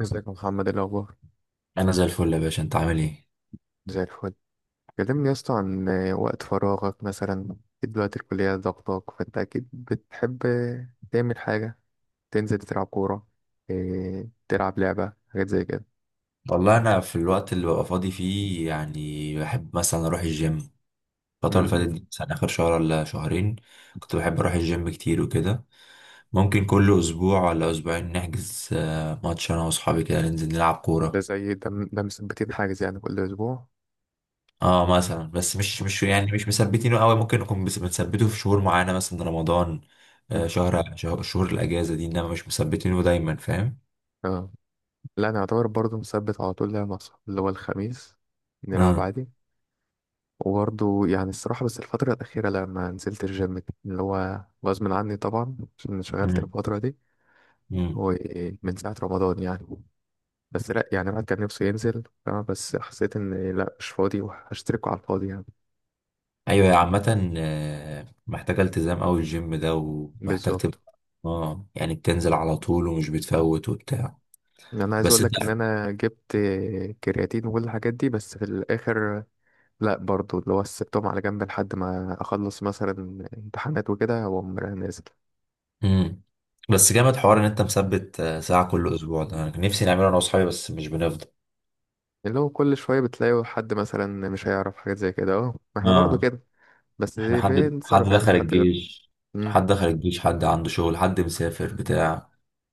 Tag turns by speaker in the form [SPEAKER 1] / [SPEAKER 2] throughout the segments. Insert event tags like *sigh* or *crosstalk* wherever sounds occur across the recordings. [SPEAKER 1] ازيك يا محمد؟ ايه الاخبار؟
[SPEAKER 2] انا زي الفل يا باشا، انت عامل ايه؟
[SPEAKER 1] زي الفل. كلمني يا اسطى عن وقت فراغك، مثلا أكيد دلوقتي الكليه ضغطاك، فانت اكيد بتحب تعمل حاجه، تنزل تلعب كوره، تلعب لعبه، حاجات زي كده.
[SPEAKER 2] والله، انا في الوقت اللي ببقى فاضي فيه يعني بحب مثلا اروح الجيم. الفتره اللي
[SPEAKER 1] مم.
[SPEAKER 2] فاتت دي مثلا اخر شهر ولا شهرين كنت بحب اروح الجيم كتير وكده. ممكن كل اسبوع ولا اسبوعين نحجز ماتش انا واصحابي كده ننزل نلعب
[SPEAKER 1] ده
[SPEAKER 2] كوره.
[SPEAKER 1] زي ده ده مثبتين حاجز يعني كل اسبوع؟
[SPEAKER 2] اه مثلا، بس مش يعني مش مثبتينه قوي. ممكن نكون بنثبته في شهور معينه مثلا رمضان،
[SPEAKER 1] مم.
[SPEAKER 2] شهر شهر شهور الاجازه دي، انما مش مثبتينه دايما، فاهم.
[SPEAKER 1] اه. لا انا اعتبر برضه مثبت على طول لعبه مع صحابي، اللي هو الخميس نلعب عادي. وبرضه يعني الصراحه، بس الفتره الاخيره لما نزلت الجيم اللي هو غصب عني طبعا عشان شغلت الفتره دي،
[SPEAKER 2] امم.
[SPEAKER 1] هو إيه من ساعة رمضان يعني. بس لا، يعني الواحد كان نفسه ينزل فاهمة، بس حسيت إن لا، مش فاضي وهشتركه على الفاضي يعني.
[SPEAKER 2] ايوه، هي عامة محتاجة التزام اوي الجيم ده، ومحتاج
[SPEAKER 1] بالظبط.
[SPEAKER 2] تبقى اه يعني بتنزل على طول ومش بتفوت وبتاع.
[SPEAKER 1] أنا عايز
[SPEAKER 2] بس
[SPEAKER 1] أقول
[SPEAKER 2] انت.
[SPEAKER 1] لك إن أنا جبت كرياتين وكل الحاجات دي، بس في الآخر لا، برضو اللي هو سبتهم على جنب لحد ما أخلص مثلا امتحانات وكده وأقوم رايح نازل.
[SPEAKER 2] امم. بس جامد حوار ان انت مثبت ساعة كل اسبوع، ده انا كان نفسي نعمله انا واصحابي بس مش بنفضل.
[SPEAKER 1] اللي هو كل شوية بتلاقي حد مثلا مش هيعرف حاجات زي كده، أهو ما إحنا برضو
[SPEAKER 2] اه،
[SPEAKER 1] كده، بس
[SPEAKER 2] احنا حد
[SPEAKER 1] بنتصرف يعني في
[SPEAKER 2] دخل
[SPEAKER 1] حد غير.
[SPEAKER 2] الجيش،
[SPEAKER 1] امم.
[SPEAKER 2] حد دخل الجيش، حد عنده شغل، حد مسافر بتاع.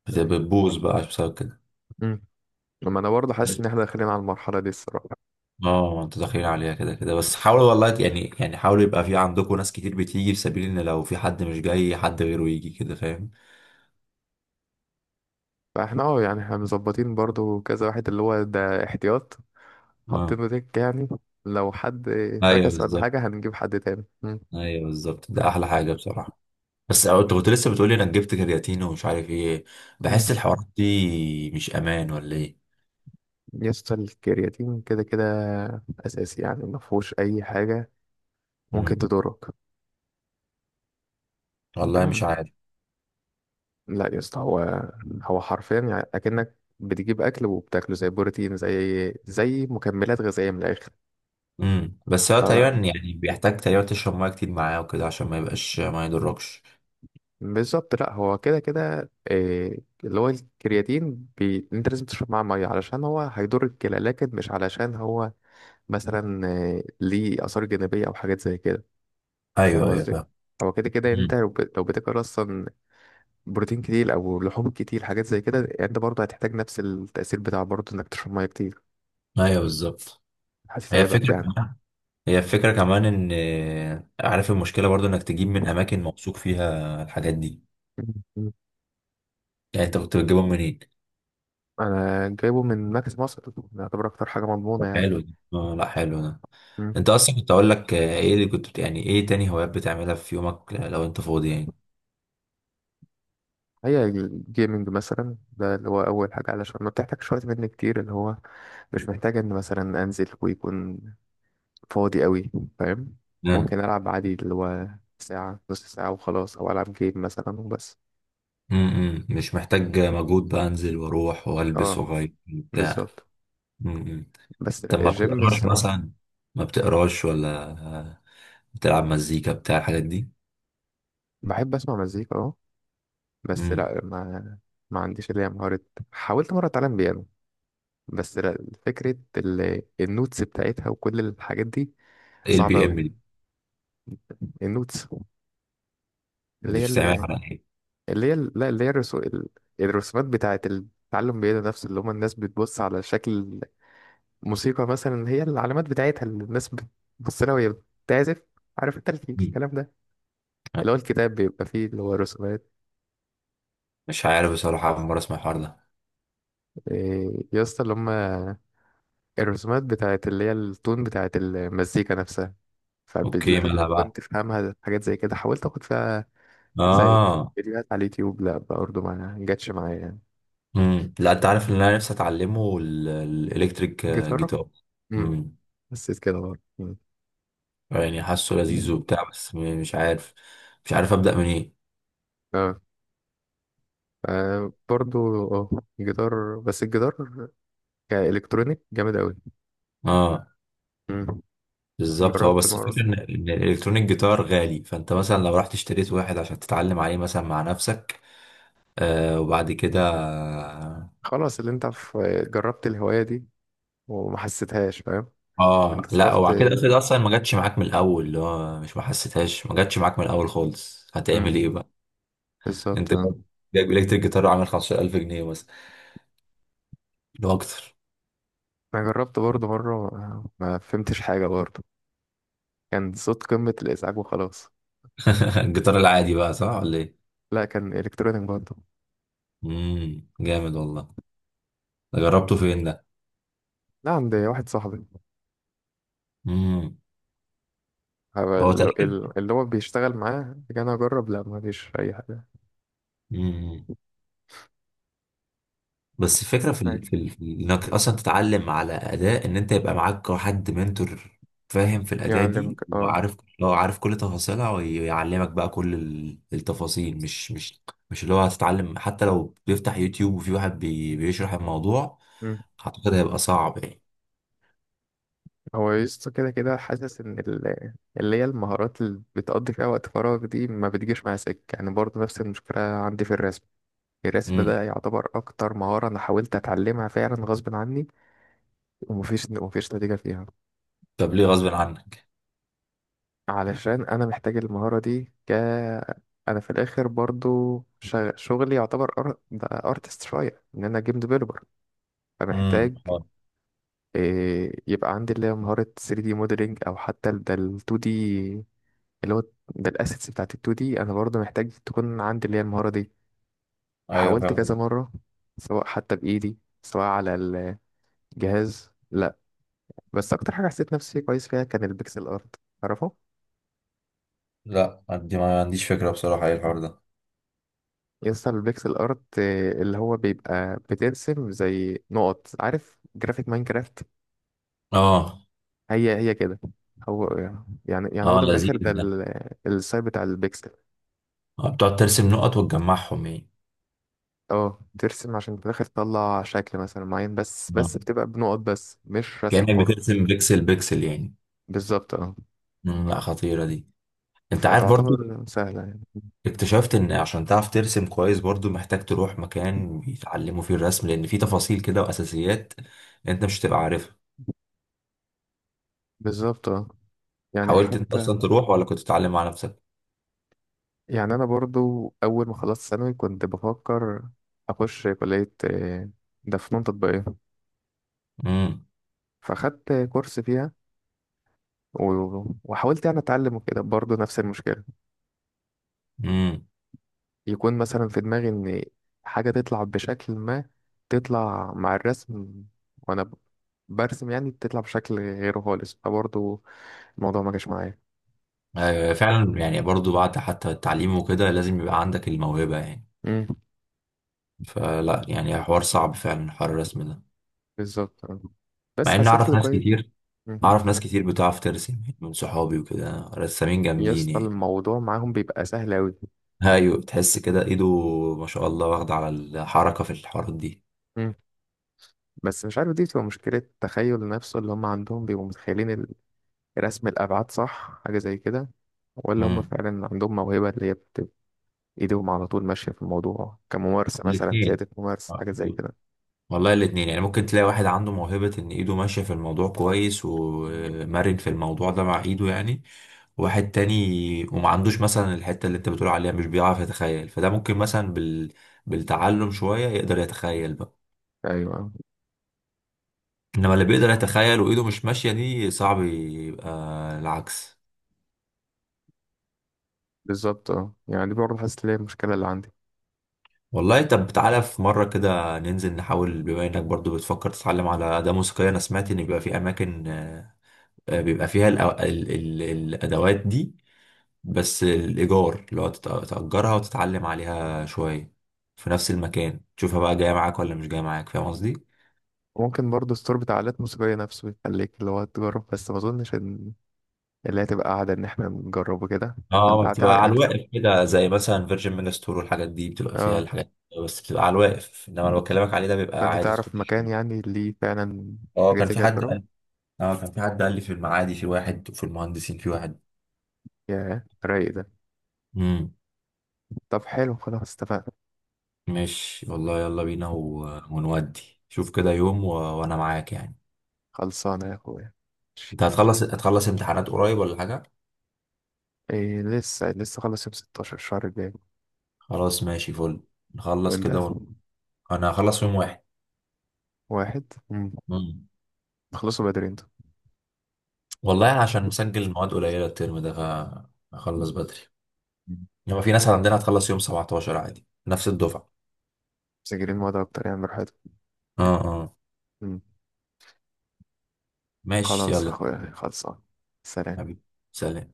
[SPEAKER 1] أيوة.
[SPEAKER 2] بتبوظ بقى بسبب كده.
[SPEAKER 1] امم لما انا برضه حاسس ان احنا داخلين على المرحله دي الصراحه.
[SPEAKER 2] اه انتوا داخلين عليها كده كده، بس حاولوا والله، يعني حاولوا يبقى في عندكم ناس كتير بتيجي في سبيل ان لو في حد مش جاي، حد غيره يجي، كده فاهم.
[SPEAKER 1] فاحنا يعني احنا مظبطين برضو كذا واحد، اللي هو ده احتياط
[SPEAKER 2] اه،
[SPEAKER 1] حاطينه دك يعني، لو حد
[SPEAKER 2] ايوه
[SPEAKER 1] فكس ولا
[SPEAKER 2] بالظبط.
[SPEAKER 1] حاجة هنجيب حد تاني. مم.
[SPEAKER 2] ايوه بالظبط، ده احلى حاجه بصراحه. بس انت كنت لسه بتقولي انا جبت كرياتين ومش عارف ايه،
[SPEAKER 1] مم.
[SPEAKER 2] بحس الحوارات دي مش امان ولا ايه.
[SPEAKER 1] يسطا الكرياتين كده كده أساسي، يعني مفهوش أي حاجة ممكن
[SPEAKER 2] امم.
[SPEAKER 1] تضرك.
[SPEAKER 2] والله مش
[SPEAKER 1] تمام.
[SPEAKER 2] عارف.
[SPEAKER 1] لا يسطا، هو هو حرفيا يعني أكنك بتجيب أكل وبتاكله، زي بروتين، زي مكملات غذائية من الآخر.
[SPEAKER 2] امم. بس هو
[SPEAKER 1] لا
[SPEAKER 2] تقريبا
[SPEAKER 1] لا.
[SPEAKER 2] يعني بيحتاج تقريبا تشرب ميه كتير معاه وكده عشان ما يبقاش ما يضركش.
[SPEAKER 1] بالظبط، لا هو كده كده، اللي هو الكرياتين بي... انت لازم تشرب معاه ميه علشان هو هيضر الكلى، لكن مش علشان هو مثلا ليه اثار جانبيه او حاجات زي كده. فاهم
[SPEAKER 2] ايوه ايوه
[SPEAKER 1] قصدي؟
[SPEAKER 2] فاهم.
[SPEAKER 1] هو كده كده، انت
[SPEAKER 2] امم.
[SPEAKER 1] لو بتاكل اصلا بروتين كتير او لحوم كتير، حاجات زي كده، انت برضه هتحتاج نفس التاثير بتاع برضه، انك تشرب ميه كتير.
[SPEAKER 2] ايوه بالظبط. هي
[SPEAKER 1] هتتعبك
[SPEAKER 2] فكره.
[SPEAKER 1] يعني.
[SPEAKER 2] هي الفكرة كمان ان عارف المشكلة برضو انك تجيب من اماكن موثوق فيها الحاجات دي.
[SPEAKER 1] مم.
[SPEAKER 2] يعني انت كنت بتجيبهم منين؟
[SPEAKER 1] انا جايبه من مركز مصر، يعتبر اكتر حاجه مضمونه
[SPEAKER 2] طب حلو
[SPEAKER 1] يعني.
[SPEAKER 2] ده، آه، لا حلو ده.
[SPEAKER 1] مم.
[SPEAKER 2] انت اصلا كنت اقول لك ايه اللي كنت، يعني ايه تاني هوايات بتعملها في يومك لو انت فاضي يعني؟
[SPEAKER 1] هي الجيمنج مثلا ده اللي هو أول حاجة، علشان ما بتحتاجش وقت مني كتير، اللي هو مش محتاج إن مثلا أنزل ويكون فاضي قوي. فاهم؟
[SPEAKER 2] مم.
[SPEAKER 1] ممكن ألعب عادي اللي هو ساعة، نص ساعة وخلاص، أو ألعب جيم مثلا وبس.
[SPEAKER 2] مم. مش محتاج مجهود بقى، انزل واروح والبس
[SPEAKER 1] اه.
[SPEAKER 2] واغير بتاع.
[SPEAKER 1] بالظبط.
[SPEAKER 2] مم.
[SPEAKER 1] بس
[SPEAKER 2] طب
[SPEAKER 1] لا
[SPEAKER 2] ما
[SPEAKER 1] الجيم
[SPEAKER 2] بتقراش
[SPEAKER 1] الصراحة.
[SPEAKER 2] مثلا؟ ما بتقراش، ولا بتلعب مزيكا بتاع الحاجات دي؟
[SPEAKER 1] بحب أسمع مزيكا اه. بس
[SPEAKER 2] مم.
[SPEAKER 1] لا ما عنديش اللي هي مهارة. حاولت مرة أتعلم بيانو، بس لا. فكرة النوتس بتاعتها وكل الحاجات دي
[SPEAKER 2] ايه
[SPEAKER 1] صعبة
[SPEAKER 2] البي ام
[SPEAKER 1] أوي.
[SPEAKER 2] دي؟
[SPEAKER 1] النوتس
[SPEAKER 2] دي
[SPEAKER 1] اللي هي
[SPEAKER 2] بتستعملها على ايه؟
[SPEAKER 1] لا، اللي هي الرسومات بتاعة التعلم بيد نفسه، اللي هما الناس بتبص على شكل موسيقى مثلا، هي العلامات بتاعتها اللي الناس بتبص لها وهي بتعزف. عارف انت
[SPEAKER 2] مم.
[SPEAKER 1] الكلام ده، اللي هو الكتاب بيبقى فيه اللي هو رسومات.
[SPEAKER 2] مش عارف بصراحة، أول مرة أسمع الحوار ده.
[SPEAKER 1] يا اسطى اللي هما الرسومات بتاعة اللي هي التون بتاعة المزيكا نفسها،
[SPEAKER 2] أوكي،
[SPEAKER 1] فلازم
[SPEAKER 2] مالها
[SPEAKER 1] تكون
[SPEAKER 2] بقى؟
[SPEAKER 1] تفهمها، حاجات زي كده حاولت اخد فيها زي
[SPEAKER 2] آه.
[SPEAKER 1] فيديوهات على اليوتيوب، لا برضه ما جاتش معايا يعني.
[SPEAKER 2] مم. لا، أنت عارف اللي أنا نفسي أتعلمه، الإلكتريك
[SPEAKER 1] جيتارة.
[SPEAKER 2] جيتار.
[SPEAKER 1] مم.
[SPEAKER 2] مم.
[SPEAKER 1] حسيت كده برضه. مم.
[SPEAKER 2] يعني حاسه لذيذ وبتاع، بس مش عارف، مش عارف أبدأ منين.
[SPEAKER 1] اه. آه برضو. اه. جيتار، بس الجيتار كإلكترونيك جامد أوي.
[SPEAKER 2] آه.
[SPEAKER 1] مم.
[SPEAKER 2] بالظبط، هو
[SPEAKER 1] جربت
[SPEAKER 2] بس
[SPEAKER 1] مرة،
[SPEAKER 2] الفكرة إن الإلكترونيك جيتار غالي، فأنت مثلا لو رحت اشتريت واحد عشان تتعلم عليه مثلا مع نفسك. آه وبعد كده.
[SPEAKER 1] خلاص اللي انت في، جربت الهواية دي وما حسيتهاش. فاهم؟
[SPEAKER 2] آه
[SPEAKER 1] انت
[SPEAKER 2] لا،
[SPEAKER 1] صرفت.
[SPEAKER 2] وبعد كده افرض أصلا ما جاتش معاك من الأول، اللي هو مش ما حسيتهاش، ما جاتش معاك من الأول خالص، هتعمل إيه
[SPEAKER 1] مم.
[SPEAKER 2] بقى؟
[SPEAKER 1] بالظبط
[SPEAKER 2] انت
[SPEAKER 1] اه.
[SPEAKER 2] جايب جايب الكتريك جيتار عامل 15,000 جنيه مثلا، لو اكتر.
[SPEAKER 1] انا جربت برضو مرة، ما فهمتش حاجة برضو، كان صوت قمة الإزعاج وخلاص.
[SPEAKER 2] *laughs* الجيتار العادي بقى، صح ولا ايه؟
[SPEAKER 1] لا كان إلكترونيك برضو.
[SPEAKER 2] امم، جامد والله. ده جربته فين ده؟
[SPEAKER 1] لا عند واحد صاحبي،
[SPEAKER 2] امم.
[SPEAKER 1] هو
[SPEAKER 2] هو تقريبا
[SPEAKER 1] اللي هو بيشتغل معاه كان أجرب، لا ما فيش أي حاجة.
[SPEAKER 2] امم بس الفكره انك اصلا تتعلم على اداء، ان انت يبقى معاك حد منتور، فاهم في الاداء دي،
[SPEAKER 1] يعلمك اه.
[SPEAKER 2] لو عارف كل تفاصيلها ويعلمك بقى كل التفاصيل، مش مش اللي هو هتتعلم حتى لو بيفتح يوتيوب وفي واحد بيشرح الموضوع. اعتقد هيبقى صعب.
[SPEAKER 1] هو يسطا كده كده حاسس ان اللي هي المهارات اللي بتقضي فيها وقت فراغ دي ما بتجيش مع سكة يعني، برضه نفس المشكلة عندي في الرسم. الرسم
[SPEAKER 2] يعني.
[SPEAKER 1] ده يعتبر اكتر مهارة انا حاولت اتعلمها فعلا غصب عني، ومفيش نتيجة فيها.
[SPEAKER 2] طب ليه غصب عنك؟
[SPEAKER 1] علشان انا محتاج المهارة دي انا في الاخر برضه شغلي يعتبر ده ارتست شوية، ان انا جيم ديفلوبر،
[SPEAKER 2] امم،
[SPEAKER 1] فمحتاج
[SPEAKER 2] اه
[SPEAKER 1] يبقى عندي اللي هي مهارة 3D موديلينج، او حتى ده ال 2D اللي هو بالاسيتس بتاعت ال 2 دي، انا برضه محتاج تكون عندي اللي هي المهارة دي.
[SPEAKER 2] ايوه
[SPEAKER 1] وحاولت
[SPEAKER 2] فاهم
[SPEAKER 1] كذا
[SPEAKER 2] قصدك.
[SPEAKER 1] مرة، سواء حتى بايدي سواء على الجهاز، لا. بس اكتر حاجة حسيت نفسي كويس فيها كان البيكسل ارت. تعرفه؟
[SPEAKER 2] لا، عندي ما عنديش فكره بصراحه، ايه الحوار ده؟
[SPEAKER 1] يسطا البيكسل ارت، اللي هو بيبقى بترسم زي نقط، عارف جرافيك ماينكرافت؟
[SPEAKER 2] اه.
[SPEAKER 1] هي هي كده. هو يعني هو
[SPEAKER 2] اه
[SPEAKER 1] ده من الاخر،
[SPEAKER 2] لذيذ
[SPEAKER 1] ده
[SPEAKER 2] ده.
[SPEAKER 1] السايب بتاع البيكسل.
[SPEAKER 2] آه، بتقعد ترسم نقط وتجمعهم يعني.
[SPEAKER 1] اه ترسم عشان في الاخر تطلع شكل مثلا معين، بس
[SPEAKER 2] آه.
[SPEAKER 1] بس بتبقى بنقط بس، مش رسم
[SPEAKER 2] كأنك
[SPEAKER 1] حر.
[SPEAKER 2] بترسم بيكسل بيكسل يعني.
[SPEAKER 1] بالظبط اه.
[SPEAKER 2] مم، لا خطيرة دي. انت عارف برضو
[SPEAKER 1] فتعتبر سهلة يعني.
[SPEAKER 2] اكتشفت ان عشان تعرف ترسم كويس برضو محتاج تروح مكان بيتعلموا فيه الرسم، لان في تفاصيل كده واساسيات انت مش هتبقى عارفها.
[SPEAKER 1] بالظبط اه. يعني
[SPEAKER 2] حاولت انت
[SPEAKER 1] حتى،
[SPEAKER 2] اصلا تروح ولا كنت تتعلم مع نفسك؟
[SPEAKER 1] يعني أنا برضو أول ما خلصت ثانوي كنت بفكر أخش كلية، ده فنون تطبيقية، فأخدت كورس فيها، وحاولت يعني أتعلم وكده، برضو نفس المشكلة.
[SPEAKER 2] امم.
[SPEAKER 1] يكون مثلا في دماغي إن حاجة تطلع بشكل ما تطلع مع الرسم، وأنا برسم يعني تطلع بشكل غيره خالص، فبرضو الموضوع ما جاش معايا.
[SPEAKER 2] آه فعلا، يعني برضو بعد حتى التعليم وكده لازم يبقى عندك الموهبة يعني.
[SPEAKER 1] مم.
[SPEAKER 2] فلا، يعني حوار صعب فعلا حوار الرسم ده.
[SPEAKER 1] بالظبط آه. بس
[SPEAKER 2] مع ان
[SPEAKER 1] حسيت
[SPEAKER 2] اعرف
[SPEAKER 1] اللي
[SPEAKER 2] ناس
[SPEAKER 1] كويس.
[SPEAKER 2] كتير،
[SPEAKER 1] مم.
[SPEAKER 2] اعرف ناس كتير بتعرف ترسم يعني من صحابي وكده، رسامين
[SPEAKER 1] يا
[SPEAKER 2] جامدين
[SPEAKER 1] اسطى
[SPEAKER 2] يعني.
[SPEAKER 1] الموضوع معاهم بيبقى سهل أوي.
[SPEAKER 2] ايوه، تحس كده ايده، ما شاء الله، واخدة على الحركة في الحوارات دي.
[SPEAKER 1] مم. بس مش عارف، دي بتبقى مشكلة تخيل نفسه، اللي هم عندهم بيبقوا متخيلين رسم الأبعاد صح، حاجة زي كده، ولا هم
[SPEAKER 2] امم.
[SPEAKER 1] فعلا عندهم موهبة اللي هي بتبقى إيديهم على طول ماشية في الموضوع، كممارسة مثلا،
[SPEAKER 2] الاثنين.
[SPEAKER 1] زيادة ممارسة حاجة زي كده.
[SPEAKER 2] والله الاثنين يعني ممكن تلاقي واحد عنده موهبة ان ايده ماشية في الموضوع كويس ومرن في الموضوع ده مع ايده يعني. واحد تاني وما عندوش مثلا الحتة اللي انت بتقول عليها، مش بيعرف يتخيل، فده ممكن مثلا بالتعلم شوية يقدر يتخيل بقى.
[SPEAKER 1] أيوه
[SPEAKER 2] انما اللي بيقدر يتخيل وايده مش ماشية دي صعب يبقى، العكس.
[SPEAKER 1] بالظبط اه، يعني دي برضه حاسس إن هي المشكلة اللي عندي.
[SPEAKER 2] والله طب تعالى في مرة كده ننزل نحاول، بما انك برضو بتفكر تتعلم على أداة موسيقية. انا سمعت ان بيبقى في اماكن بيبقى فيها الادوات دي، بس الايجار اللي هو تأجرها وتتعلم عليها شوية في نفس المكان، تشوفها بقى جاية معاك ولا مش جاية معاك، فاهم قصدي؟
[SPEAKER 1] ممكن برضه الستور بتاع آلات موسيقية نفسه يخليك اللي هو تجرب، بس ما أظنش إن اللي هتبقى قاعدة إن إحنا نجربه كده.
[SPEAKER 2] اه،
[SPEAKER 1] أنت
[SPEAKER 2] ما
[SPEAKER 1] قاعد
[SPEAKER 2] بتبقى على
[SPEAKER 1] يعني.
[SPEAKER 2] الواقف كده زي مثلا فيرجن مينستور، والحاجات دي بتبقى فيها
[SPEAKER 1] اه.
[SPEAKER 2] الحاجات دي بس بتبقى على الواقف، انما اللي بكلمك عليه ده بيبقى
[SPEAKER 1] فانت
[SPEAKER 2] عادي
[SPEAKER 1] تعرف
[SPEAKER 2] تخش
[SPEAKER 1] مكان
[SPEAKER 2] فيه.
[SPEAKER 1] يعني اللي فعلا
[SPEAKER 2] اه
[SPEAKER 1] حاجات
[SPEAKER 2] كان
[SPEAKER 1] زي
[SPEAKER 2] في
[SPEAKER 1] كده
[SPEAKER 2] حد
[SPEAKER 1] تجربها؟
[SPEAKER 2] قال، اه كان في حد قال لي في المعادي في واحد، وفي المهندسين في واحد.
[SPEAKER 1] يا رايق ده.
[SPEAKER 2] امم.
[SPEAKER 1] طب حلو، خلاص اتفقنا.
[SPEAKER 2] ماشي والله، يلا بينا ونودي. شوف كده يوم وانا معاك يعني.
[SPEAKER 1] خلصانه يا اخويا. ماشي.
[SPEAKER 2] انت هتخلص امتحانات قريب ولا حاجة؟
[SPEAKER 1] إيه لسه لسه خلص يوم 16 الشهر الجاي.
[SPEAKER 2] خلاص ماشي، فل. نخلص
[SPEAKER 1] وانت؟
[SPEAKER 2] كده انا هخلص يوم واحد.
[SPEAKER 1] واحد. مم.
[SPEAKER 2] امم.
[SPEAKER 1] خلصوا بدري انتوا،
[SPEAKER 2] والله أنا عشان مسجل المواد قليلة الترم ده، فهخلص بدري. هو في ناس عندنا هتخلص يوم 17 عادي نفس الدفعة.
[SPEAKER 1] مسجلين مواد اكتر يعني براحتكم.
[SPEAKER 2] اه اه.
[SPEAKER 1] مم.
[SPEAKER 2] ماشي
[SPEAKER 1] خلاص يا
[SPEAKER 2] يلا.
[SPEAKER 1] اخويا، خلصان. سلام.
[SPEAKER 2] حبيبي. سلام.